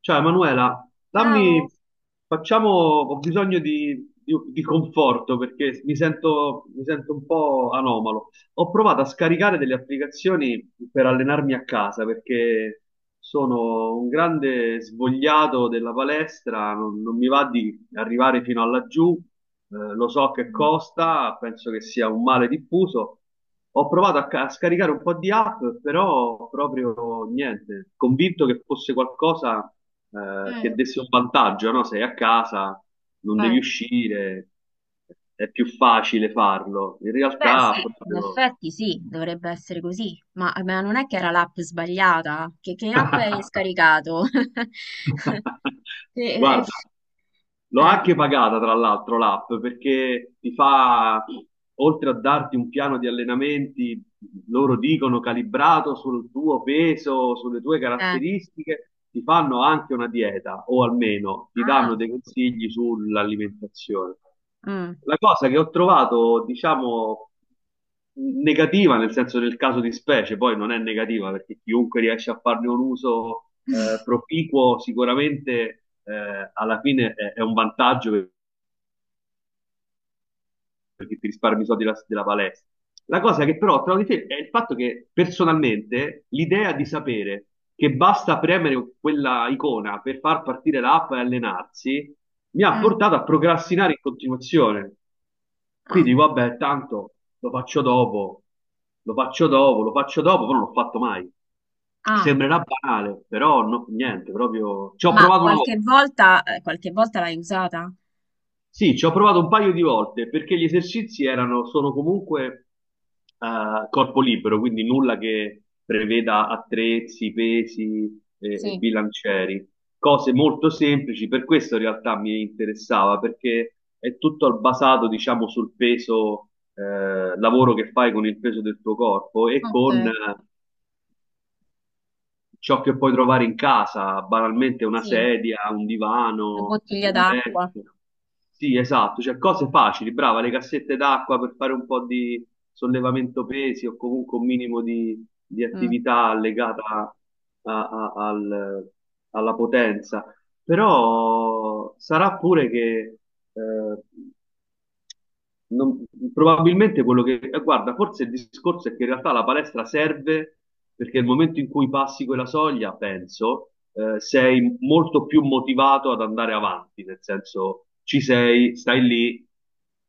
Ciao Emanuela, Ciao. dammi, facciamo, ho bisogno di conforto perché mi sento un po' anomalo. Ho provato a scaricare delle applicazioni per allenarmi a casa perché sono un grande svogliato della palestra, non mi va di arrivare fino a laggiù. Lo so che Mm. costa, penso che sia un male diffuso. Ho provato a scaricare un po' di app, però proprio niente, convinto che fosse qualcosa che Eh, desse un vantaggio, no? Sei a casa, non devi uscire, è più facile farlo. In Beh, realtà sì, in proprio... effetti sì, dovrebbe essere così, ma non è che era l'app sbagliata? Che app hai scaricato? Che- eh, Guarda, l'ho eh. anche pagata tra l'altro l'app, perché ti fa, oltre a darti un piano di allenamenti, loro dicono calibrato sul tuo peso, sulle tue eh. caratteristiche, ti fanno anche una dieta o almeno ti Ah, danno dei consigli sull'alimentazione. mm, La cosa che ho trovato, diciamo, negativa nel senso del caso di specie, poi non è negativa perché chiunque riesce a farne un uso proficuo sicuramente, alla fine è un vantaggio perché ti risparmi i soldi della palestra. La cosa che però ho trovato di te è il fatto che personalmente l'idea di sapere che basta premere quella icona per far partire l'app e allenarsi mi ha mm, portato a procrastinare in continuazione. ah, Quindi, vabbè, tanto lo faccio dopo, lo faccio dopo, lo faccio dopo, però non l'ho fatto mai. ah. Sembrerà banale, però no, niente, proprio ci ho Ma provato una volta. Qualche volta l'hai usata? Sì, ci ho provato un paio di volte perché gli esercizi erano, sono comunque corpo libero, quindi nulla che preveda attrezzi, pesi e Sì, bilancieri, cose molto semplici, per questo in realtà mi interessava perché è tutto basato, diciamo, sul peso, lavoro che fai con il peso del tuo corpo e con ok, ciò che puoi trovare in casa, banalmente una sì, sedia, un una divano, bottiglia il d'acqua. letto. Sì, esatto, cioè cose facili, brava, le cassette d'acqua per fare un po' di sollevamento pesi o comunque un minimo di Mm. attività legata a- al- alla potenza. Però sarà pure che eh, non- probabilmente quello che... Guarda, forse il discorso è che in realtà la palestra serve perché nel momento in cui passi quella soglia, penso, sei molto più motivato ad andare avanti, nel senso ci sei, stai lì,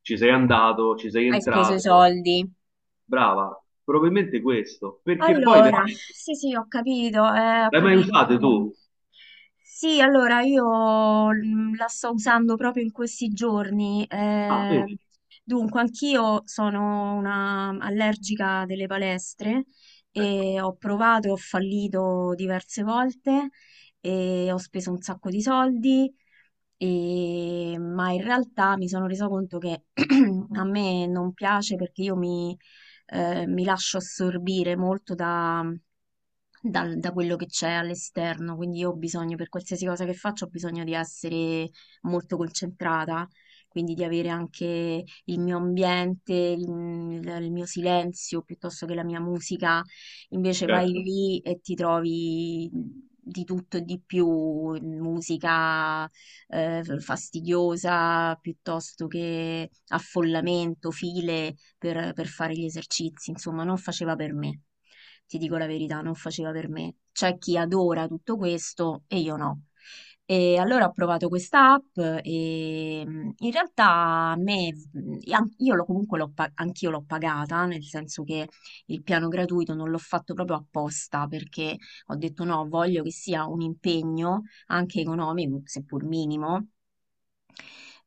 ci sei andato, ci sei Hai speso i entrato, soldi. brava, probabilmente questo, perché poi Allora, veramente... sì, sì, ho capito, ho L'hai mai capito, ho usate capito. tu? Sì, allora io la sto usando proprio in questi giorni. Ah, eh, vedi? dunque, anch'io sono una allergica delle palestre Ecco, e ho provato e ho fallito diverse volte e ho speso un sacco di soldi, ma in realtà mi sono resa conto che a me non piace perché io mi lascio assorbire molto da quello che c'è all'esterno, quindi io ho bisogno, per qualsiasi cosa che faccio, ho bisogno di essere molto concentrata, quindi di avere anche il mio ambiente, il mio silenzio, piuttosto che la mia musica. Invece vai certo, lì e ti trovi di tutto e di più, musica fastidiosa piuttosto che affollamento, file per fare gli esercizi, insomma, non faceva per me. Ti dico la verità, non faceva per me. C'è chi adora tutto questo e io no. E allora ho provato questa app e in realtà a me, e an- comunque anch'io l'ho pagata, nel senso che il piano gratuito non l'ho fatto proprio apposta perché ho detto no, voglio che sia un impegno anche economico, seppur minimo,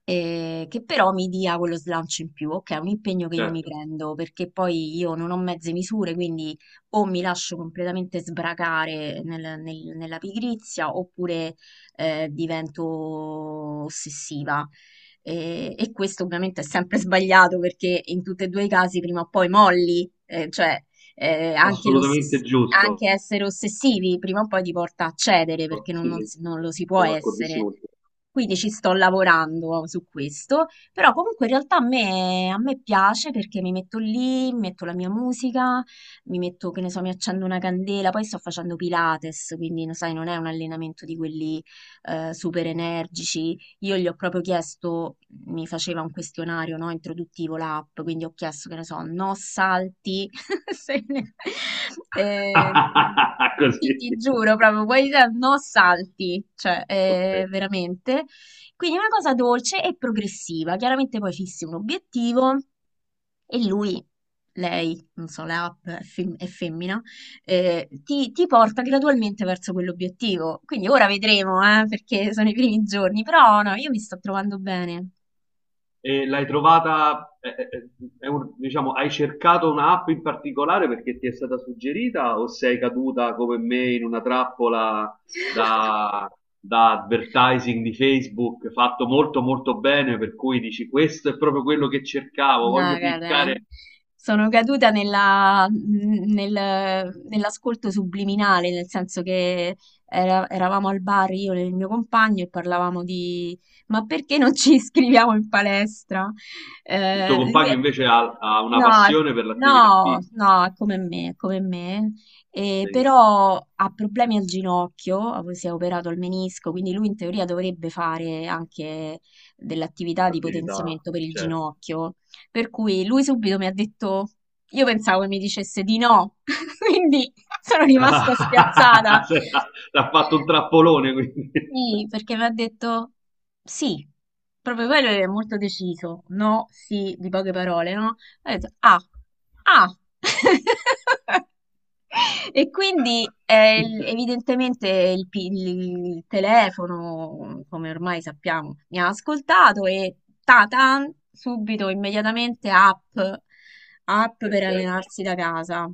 che però mi dia quello slancio in più. Ok, è un impegno che io mi certo, prendo perché poi io non ho mezze misure, quindi o mi lascio completamente sbracare nella pigrizia oppure divento ossessiva. E questo ovviamente è sempre sbagliato perché in tutti e due i casi prima o poi molli, cioè anche assolutamente l'ossessione, giusto. anche essere ossessivi prima o poi ti porta a cedere perché non, Sì, non sì, si- non lo si può sono essere. d'accordissimo con te. Quindi ci sto lavorando su questo, però comunque in realtà a me piace perché mi metto lì, metto la mia musica, mi metto, che ne so, mi accendo una candela, poi sto facendo Pilates, quindi lo sai, non è un allenamento di quelli super energici. Io gli ho proprio chiesto, mi faceva un questionario, no, introduttivo l'app, quindi ho chiesto, che ne so, no salti. Se ne- Eh, sì, ti Così. giuro, proprio, poi no salti, cioè, Ok. veramente. Quindi una cosa dolce e progressiva. Chiaramente poi fissi un obiettivo e lui, lei, non so, la app è femmina, ti porta gradualmente verso quell'obiettivo. Quindi ora vedremo, perché sono i primi giorni, però no, io mi sto trovando bene. E l'hai trovata, è un- diciamo, hai cercato un'app in particolare perché ti è stata suggerita o sei caduta come me in una trappola da, da advertising di Facebook fatto molto molto bene per cui dici questo è proprio quello che cercavo, No, voglio guarda, cliccare. sono caduta nell'ascolto subliminale, nel senso che eravamo al bar io e il mio compagno e parlavamo di, ma perché non ci iscriviamo in palestra? Il tuo Lui compagno è invece ha una No, passione per l'attività no, fisica. no, è come me, è come me. Benissimo, Però ha problemi al ginocchio, si è operato al menisco, quindi lui in teoria dovrebbe fare anche dell'attività di l'attività, potenziamento per il certo. ginocchio, per cui lui subito mi ha detto, io pensavo che mi dicesse di no, quindi sono rimasta spiazzata, Sì, ha- l'ha fatto un trappolone quindi. sì, perché mi ha detto sì, proprio quello è molto deciso, no, sì, di poche parole, no? Ho detto ah, ah! E quindi eh, il- evidentemente il, pi- il telefono, come ormai sappiamo, mi ha ascoltato e ta-tan, subito, immediatamente app, app per certo, allenarsi da casa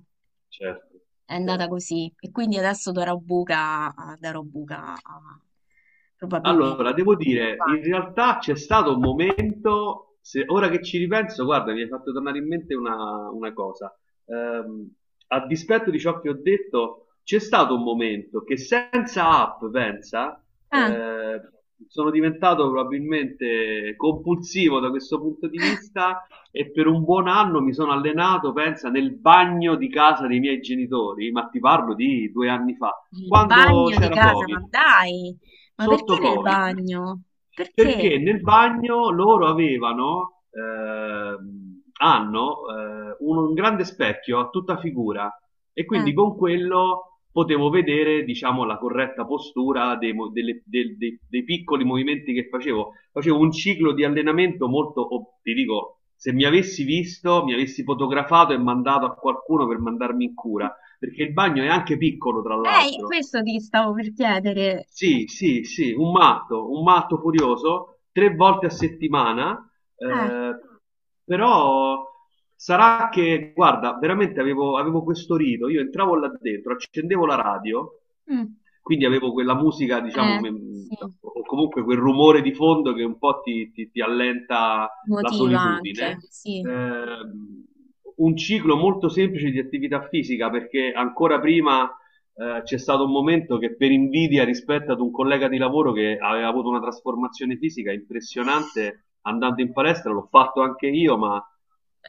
certo, è andata certo. così. E quindi adesso da Robuca, Allora, probabilmente devo il dire, in bagno. realtà c'è stato un momento, se- ora che ci ripenso, guarda, mi hai fatto tornare in mente una cosa. Ehm, a dispetto di ciò che ho detto, c'è stato un momento che senza app, pensa, Ah, eh, sono diventato probabilmente compulsivo da questo punto di vista e per un buon anno mi sono allenato, pensa, nel bagno di casa dei miei genitori, ma ti parlo di due anni fa il quando bagno di c'era casa, Covid, ma dai, ma perché sotto nel Covid, bagno? Perché? perché nel bagno loro avevano, hanno un grande specchio a tutta figura e Eh, quindi con quello potevo vedere, diciamo, la corretta postura dei, mo- delle- del- dei- dei piccoli movimenti che facevo. Facevo un ciclo di allenamento molto, oh, ti dico, se mi avessi visto, mi avessi fotografato e mandato a qualcuno per mandarmi in cura, perché il bagno è anche piccolo, tra l'altro. questo ti stavo per chiedere. Sì, sì, sì, un matto furioso, tre volte a settimana, Eh, eh, però sarà che, guarda, veramente avevo questo rito, io entravo là dentro, accendevo la radio, mm, quindi avevo quella musica, diciamo, eh, me- sì, o comunque quel rumore di fondo che un po' ti allenta la motiva anche, solitudine. sì. Ehm, un ciclo molto semplice di attività fisica, perché ancora prima c'è stato un momento che per invidia rispetto ad un collega di lavoro che aveva avuto una trasformazione fisica impressionante andando in palestra, l'ho fatto anche io, ma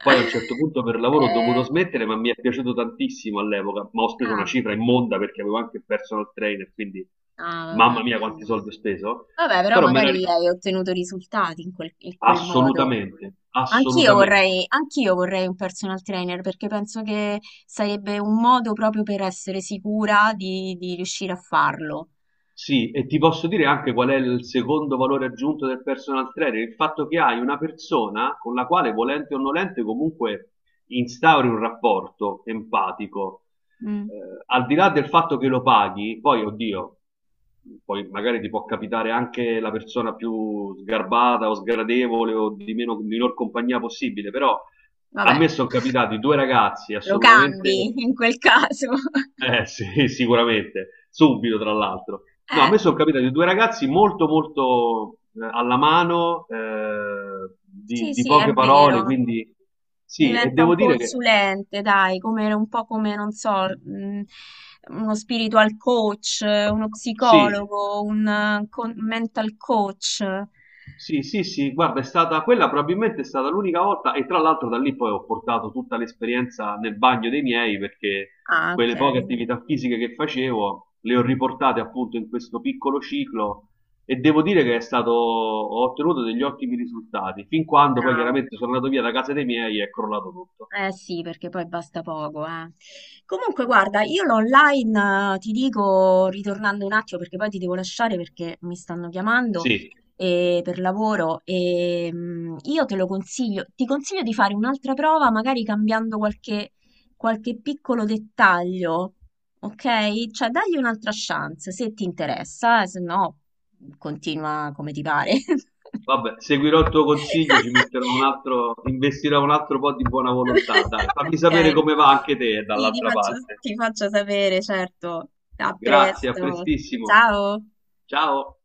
poi a un certo punto per lavoro ho dovuto Eh, smettere, ma mi è piaciuto tantissimo all'epoca, ma ho speso una cifra immonda perché avevo anche il personal trainer, quindi ah, ah, vabbè, mamma mia quanti quindi. soldi ho speso, Vabbè, però però me la magari ricordo hai ottenuto risultati in quel modo. assolutamente, assolutamente. Anch'io vorrei un personal trainer perché penso che sarebbe un modo proprio per essere sicura di riuscire a farlo. Sì, e ti posso dire anche qual è il secondo valore aggiunto del personal trainer, il fatto che hai una persona con la quale, volente o nolente, comunque instauri un rapporto empatico. Eh, Mm, al di là del fatto che lo paghi, poi, oddio, poi magari ti può capitare anche la persona più sgarbata o sgradevole o di meno, minor compagnia possibile, però a vabbè. me sono capitati due ragazzi Lo cambi assolutamente in quel caso. Sì, sicuramente, subito tra l'altro. No, a Eh, me sono capitati due ragazzi molto molto alla mano, sì, di sì, è poche parole, vero. quindi sì, e Diventa un devo dire che consulente, dai, come un po' come, non so, uno spiritual coach, uno sì, psicologo, un mental coach. sì, sì, sì, guarda, è stata quella, probabilmente è stata l'unica volta e tra l'altro da lì poi ho portato tutta l'esperienza nel bagno dei miei perché Ah, ok, quelle poche attività fisiche che facevo le ho riportate appunto in questo piccolo ciclo e devo dire che è stato, ho ottenuto degli ottimi risultati, fin quando poi bravo. chiaramente sono andato via da casa dei miei e è crollato tutto. Eh sì, perché poi basta poco, eh. Comunque, Eh, guarda, io l'online, ti dico, ritornando un attimo, perché poi ti devo lasciare perché mi stanno chiamando Sì, per lavoro, e io te lo consiglio, ti consiglio di fare un'altra prova, magari cambiando qualche piccolo dettaglio, ok? Cioè, dagli un'altra chance, se ti interessa, se no, continua come ti pare. vabbè, seguirò il tuo consiglio, ci metterò un altro, investirò un altro po' di buona volontà, dai, fammi Ok. sapere come va anche te Sì, ti dall'altra faccio, parte. ti faccio sapere, certo. A Grazie, a presto. prestissimo. Ciao. Ciao.